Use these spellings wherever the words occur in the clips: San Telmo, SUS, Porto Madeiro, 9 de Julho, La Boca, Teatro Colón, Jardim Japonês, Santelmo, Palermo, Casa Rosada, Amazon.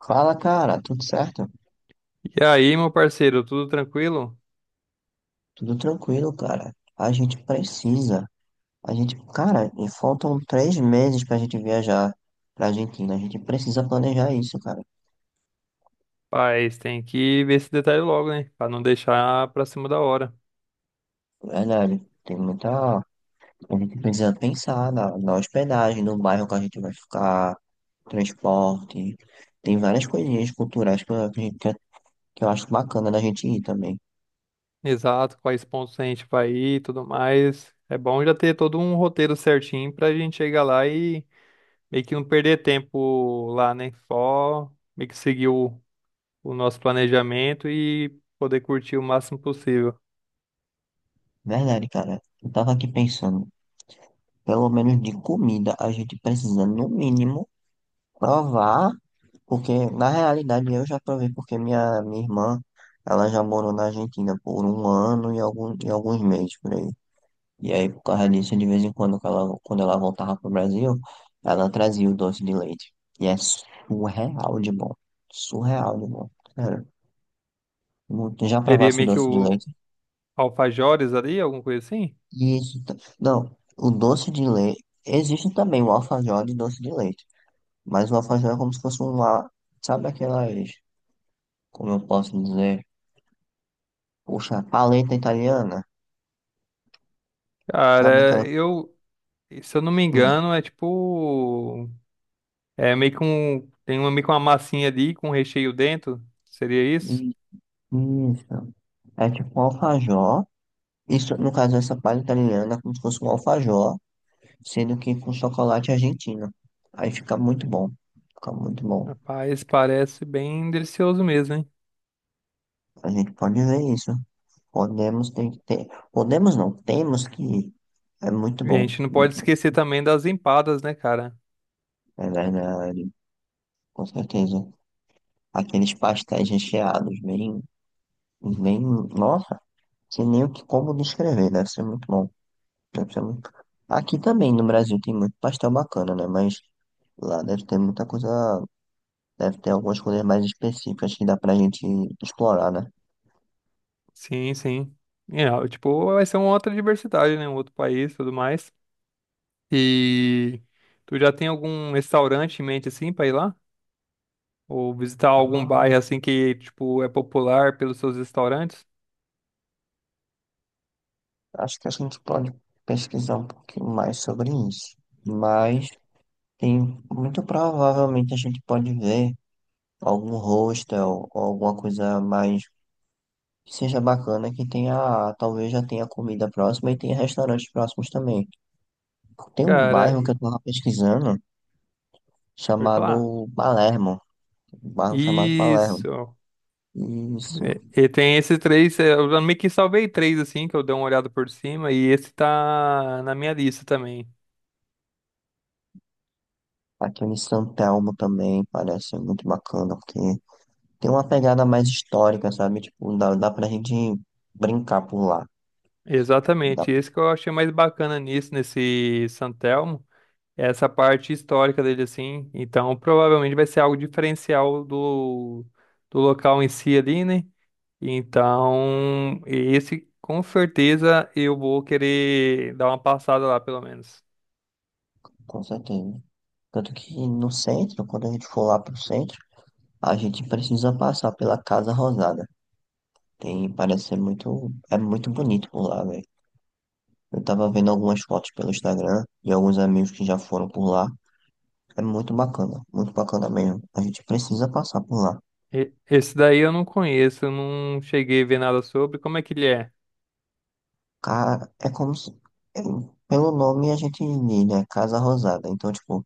Fala, cara, tudo certo? E aí, meu parceiro, tudo tranquilo? Tudo tranquilo, cara. A gente precisa. A gente, cara, e faltam 3 meses pra gente viajar pra Argentina. A gente precisa planejar isso, cara. Mas tem que ver esse detalhe logo, né? Pra não deixar pra cima da hora. Verdade. Tem muita. A gente precisa pensar na hospedagem, no bairro que a gente vai ficar, transporte. Tem várias coisinhas culturais que eu acho bacana da gente ir também. Exato, quais pontos a gente vai ir e tudo mais. É bom já ter todo um roteiro certinho pra gente chegar lá e meio que não perder tempo lá, né? Só meio que seguir o nosso planejamento e poder curtir o máximo possível. Verdade, cara. Eu tava aqui pensando, pelo menos de comida, a gente precisa, no mínimo, provar. Porque, na realidade, eu já provei, porque minha irmã, ela já morou na Argentina por um ano e alguns meses por aí. E aí, por causa disso, de vez em quando, quando ela voltava pro Brasil, ela trazia o doce de leite. E é surreal de bom. Surreal de bom. Sério. Já Seria provasse o meio que doce de o leite? Alfajores ali, alguma coisa assim? Isso. Não, o doce de leite. Existe também o alfajor de doce de leite. Mas o alfajor é como se fosse um lá. Sabe aquelas. Como eu posso dizer? Puxa, paleta italiana, sabe aquela. Cara, eu, se eu não me Hum, engano, é tipo é meio que um. Tem uma, meio que uma massinha ali com recheio dentro. Seria isso? i- isso. É tipo um alfajor. Isso, no caso, essa paleta italiana é como se fosse um alfajor, sendo que com chocolate argentino. Aí fica muito bom. Fica muito bom. Rapaz, parece bem delicioso mesmo, hein? A gente pode ver isso. Podemos tem que ter. Podemos não, temos que ir. É muito E a bom, gente não pode muito bom. esquecer também das empadas, né, cara? É verdade, com certeza. Aqueles pastéis recheados, bem, bem. Nossa, sem nem o que como descrever, deve ser muito bom. Deve ser muito. Aqui também no Brasil tem muito pastel bacana, né? Mas lá deve ter muita coisa. Deve ter algumas coisas mais específicas que dá pra gente explorar, né? Sim, sim. É, ó, tipo, vai ser uma outra diversidade, né? Um outro país e tudo mais. E tu já tem algum restaurante em mente assim pra ir lá? Ou visitar algum Ah, bairro assim que, tipo, é popular pelos seus restaurantes? acho que a gente pode pesquisar um pouquinho mais sobre isso. Mas tem muito provavelmente a gente pode ver algum hostel ou alguma coisa mais que seja bacana que tenha, talvez já tenha comida próxima e tenha restaurantes próximos também. Tem um Cara, bairro e- que eu tava pesquisando, Pode falar? chamado Palermo, um bairro chamado Palermo. Isso. Isso. E tem esses três, eu meio que salvei três assim, que eu dei uma olhada por cima, e esse tá na minha lista também. Aquele em São Telmo também parece muito bacana, porque tem uma pegada mais histórica, sabe? Tipo, dá pra gente brincar por lá. Dá, Exatamente, esse que eu achei mais bacana nisso, nesse Santelmo, é essa parte histórica dele, assim. Então, provavelmente vai ser algo diferencial do local em si ali, né? Então, esse com certeza eu vou querer dar uma passada lá, pelo menos. com certeza. Tanto que no centro, quando a gente for lá pro centro, a gente precisa passar pela Casa Rosada. Tem, parece ser muito, é muito bonito por lá, velho. Eu tava vendo algumas fotos pelo Instagram de alguns amigos que já foram por lá. É muito bacana mesmo. A gente precisa passar por lá. Esse daí eu não conheço, eu não cheguei a ver nada sobre. Como é que ele é? Cara, é como se. é- Pelo nome a gente diz, né? Casa Rosada. Então, tipo,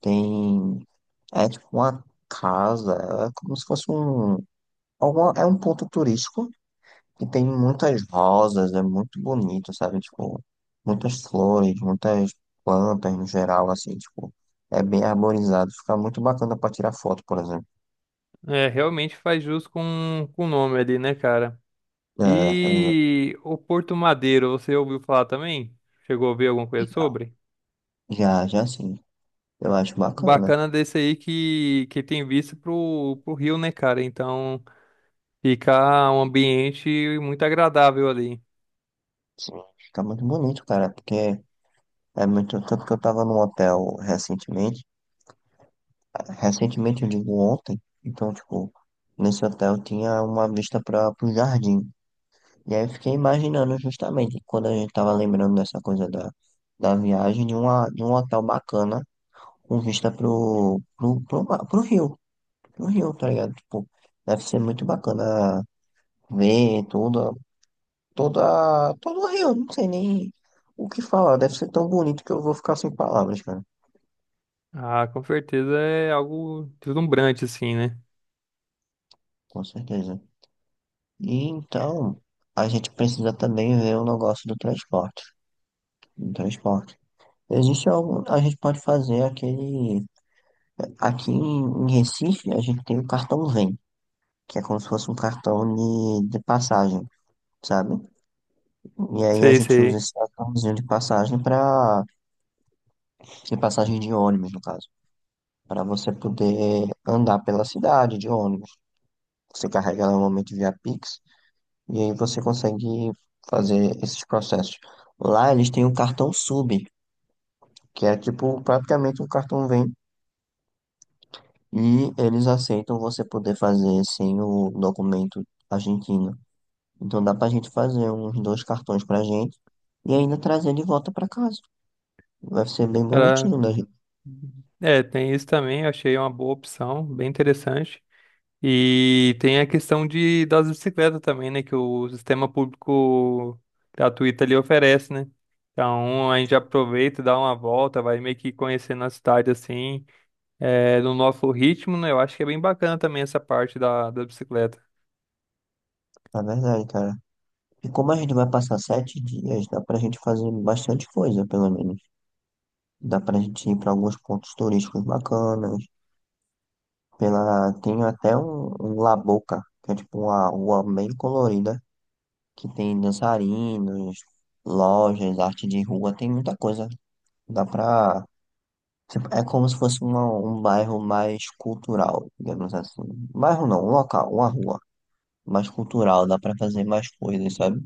tem. É tipo uma casa, é como se fosse um. É um ponto turístico que tem muitas rosas, é muito bonito, sabe? Tipo, muitas flores, muitas plantas no geral, assim, tipo, é bem arborizado, fica muito bacana pra tirar foto, por exemplo. É, realmente faz jus com o nome ali, né, cara? É, E o Porto Madeiro, você ouviu falar também? Chegou a ouvir alguma coisa sobre? é, já, já, sim, eu acho O bacana. Bacana desse aí que tem vista pro rio, né, cara? Então fica um ambiente muito agradável ali. Sim, fica muito bonito, cara, porque é muito. Tanto que eu tava num hotel recentemente, recentemente eu digo ontem, então, tipo, nesse hotel tinha uma vista para pro jardim. E aí eu fiquei imaginando justamente, quando a gente tava lembrando dessa coisa da viagem, de um hotel bacana, com vista pro rio, tá ligado? Tipo, deve ser muito bacana ver tudo, todo Rio, não sei nem o que falar. Deve ser tão bonito que eu vou ficar sem palavras, cara. Ah, com certeza é algo deslumbrante, assim, né? Com certeza. E então, a gente precisa também ver o negócio do transporte. Do transporte. Existe algo, a gente pode fazer aquele. Aqui em Recife, a gente tem o cartão Vem, que é como se fosse um cartão de passagem, sabe? E aí a Sei, gente usa sei. esse cartãozinho de passagem para. De passagem de ônibus, no caso. Para você poder andar pela cidade de ônibus. Você carrega ela normalmente via Pix e aí você consegue fazer esses processos. Lá eles têm um cartão sub, que é tipo praticamente um cartão Vem e eles aceitam você poder fazer sem o documento argentino. Então dá pra gente fazer uns dois cartões pra gente e ainda trazer de volta pra casa. Vai ser bem Cara, bonitinho, né, gente? é, tem isso também, eu achei uma boa opção, bem interessante. E tem a questão de, das bicicletas também, né? Que o sistema público gratuito ali oferece, né? Então a gente aproveita, dá uma volta, vai meio que conhecendo a cidade assim, é, no nosso ritmo, né? Eu acho que é bem bacana também essa parte da bicicleta. Na verdade, cara. E como a gente vai passar 7 dias, dá pra gente fazer bastante coisa, pelo menos. Dá pra gente ir pra alguns pontos turísticos bacanas. Tem até um La Boca, que é tipo uma rua bem colorida, que tem dançarinos, lojas, arte de rua, tem muita coisa. Dá pra. Tipo, é como se fosse um bairro mais cultural, digamos assim. Bairro não, um local, uma rua mais cultural, dá pra fazer mais coisas, sabe?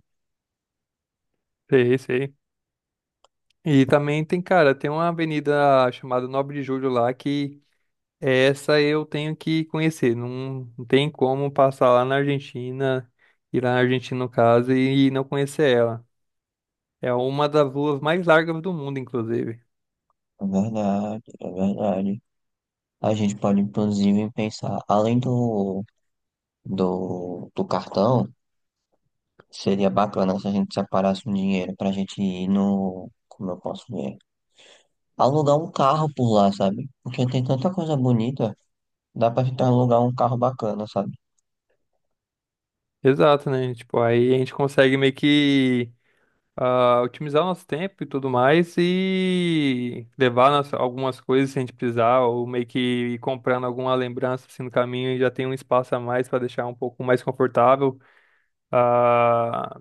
Sei, sei. E também tem, cara, tem uma avenida chamada 9 de Julho lá que essa eu tenho que conhecer. Não, não tem como passar lá na Argentina, ir lá na Argentina no caso, e não conhecer ela. É uma das luas mais largas do mundo, inclusive. É verdade, é verdade. A gente pode, inclusive, pensar, além do cartão. Seria bacana se a gente separasse um dinheiro pra gente ir no. Como eu posso ver? Alugar um carro por lá, sabe? Porque tem tanta coisa bonita, dá pra gente alugar um carro bacana, sabe? Exato, né? Tipo, aí a gente consegue meio que otimizar o nosso tempo e tudo mais e levar algumas coisas se a gente precisar, ou meio que ir comprando alguma lembrança assim, no caminho e já tem um espaço a mais para deixar um pouco mais confortável. Ah,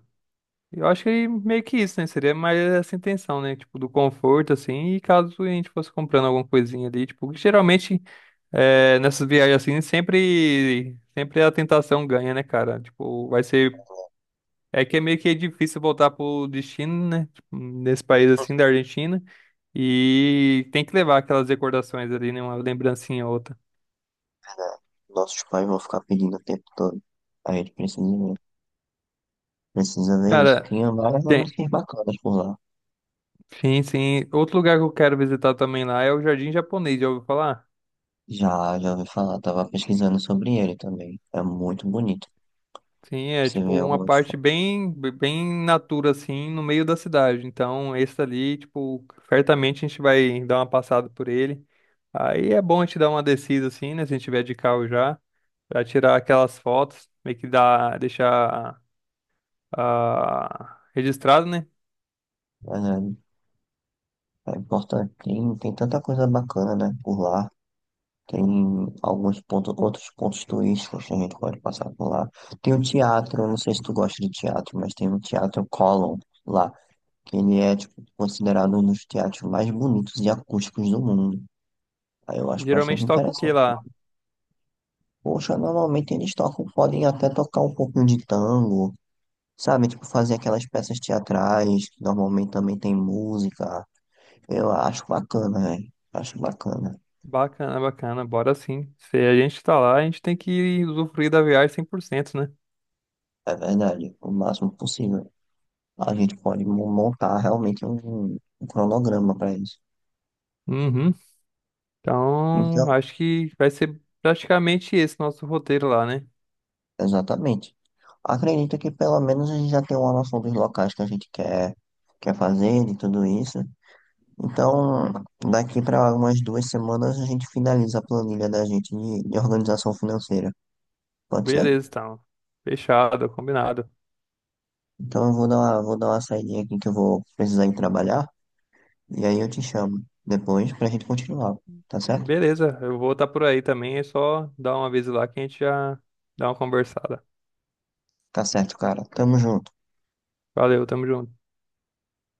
eu acho que meio que isso, né? Seria mais essa intenção, né? Tipo, do conforto, assim, e caso a gente fosse comprando alguma coisinha ali, tipo, geralmente. É, nessas viagens assim, sempre a tentação ganha, né, cara? Tipo, vai ser. É que é meio que difícil voltar pro destino, né? Tipo, nesse país É assim da Argentina. E tem que levar aquelas recordações ali, né? Uma lembrancinha ou outra. verdade. Nossos pais vão ficar pedindo o tempo todo. A gente precisa ver. Precisa ver isso. Cara, Tinha várias tem. lembranças bacanas por lá. Sim, sim. Outro lugar que eu quero visitar também lá é o Jardim Japonês, já ouviu falar? Já ouvi falar, tava pesquisando sobre ele também. É muito bonito. Sim, é Você tipo vê uma algumas parte fotos. bem, bem natura, assim, no meio da cidade. Então, esse ali, tipo, certamente a gente vai dar uma passada por ele. Aí é bom a gente dar uma descida assim, né? Se a gente tiver de carro já, pra tirar aquelas fotos, meio que dá, deixar registrado, né? Mas é importante. Tem tanta coisa bacana, né? Por lá. Tem alguns pontos, outros pontos turísticos que a gente pode passar por lá. Tem um teatro, eu não sei se tu gosta de teatro, mas tem um teatro Colón lá, que ele é tipo, considerado um dos teatros mais bonitos e acústicos do mundo. Aí eu acho bastante Geralmente toca o que interessante. lá? Poxa, normalmente eles tocam, podem até tocar um pouquinho de tango, sabe? Tipo, fazer aquelas peças teatrais, que normalmente também tem música. Eu acho bacana, velho. Acho bacana. Bacana, bacana, bora sim. Se a gente tá lá, a gente tem que usufruir da viagem 100%, né? É verdade, o máximo possível. A gente pode montar realmente um cronograma para isso. Uhum. Então, Então, acho que vai ser praticamente esse nosso roteiro lá, né? exatamente. Acredito que pelo menos a gente já tem uma noção dos locais que a gente quer, fazer, de tudo isso. Então, daqui para umas duas semanas a gente finaliza a planilha da gente de organização financeira. Pode ser? Beleza, então. Fechado, combinado. Então eu vou dar uma saidinha aqui que eu vou precisar ir trabalhar. E aí eu te chamo depois pra gente continuar. Tá certo? Beleza, eu vou estar por aí também, é só dar uma vez lá que a gente já dá uma conversada. Tá certo, cara. Tamo junto. Valeu, tamo junto.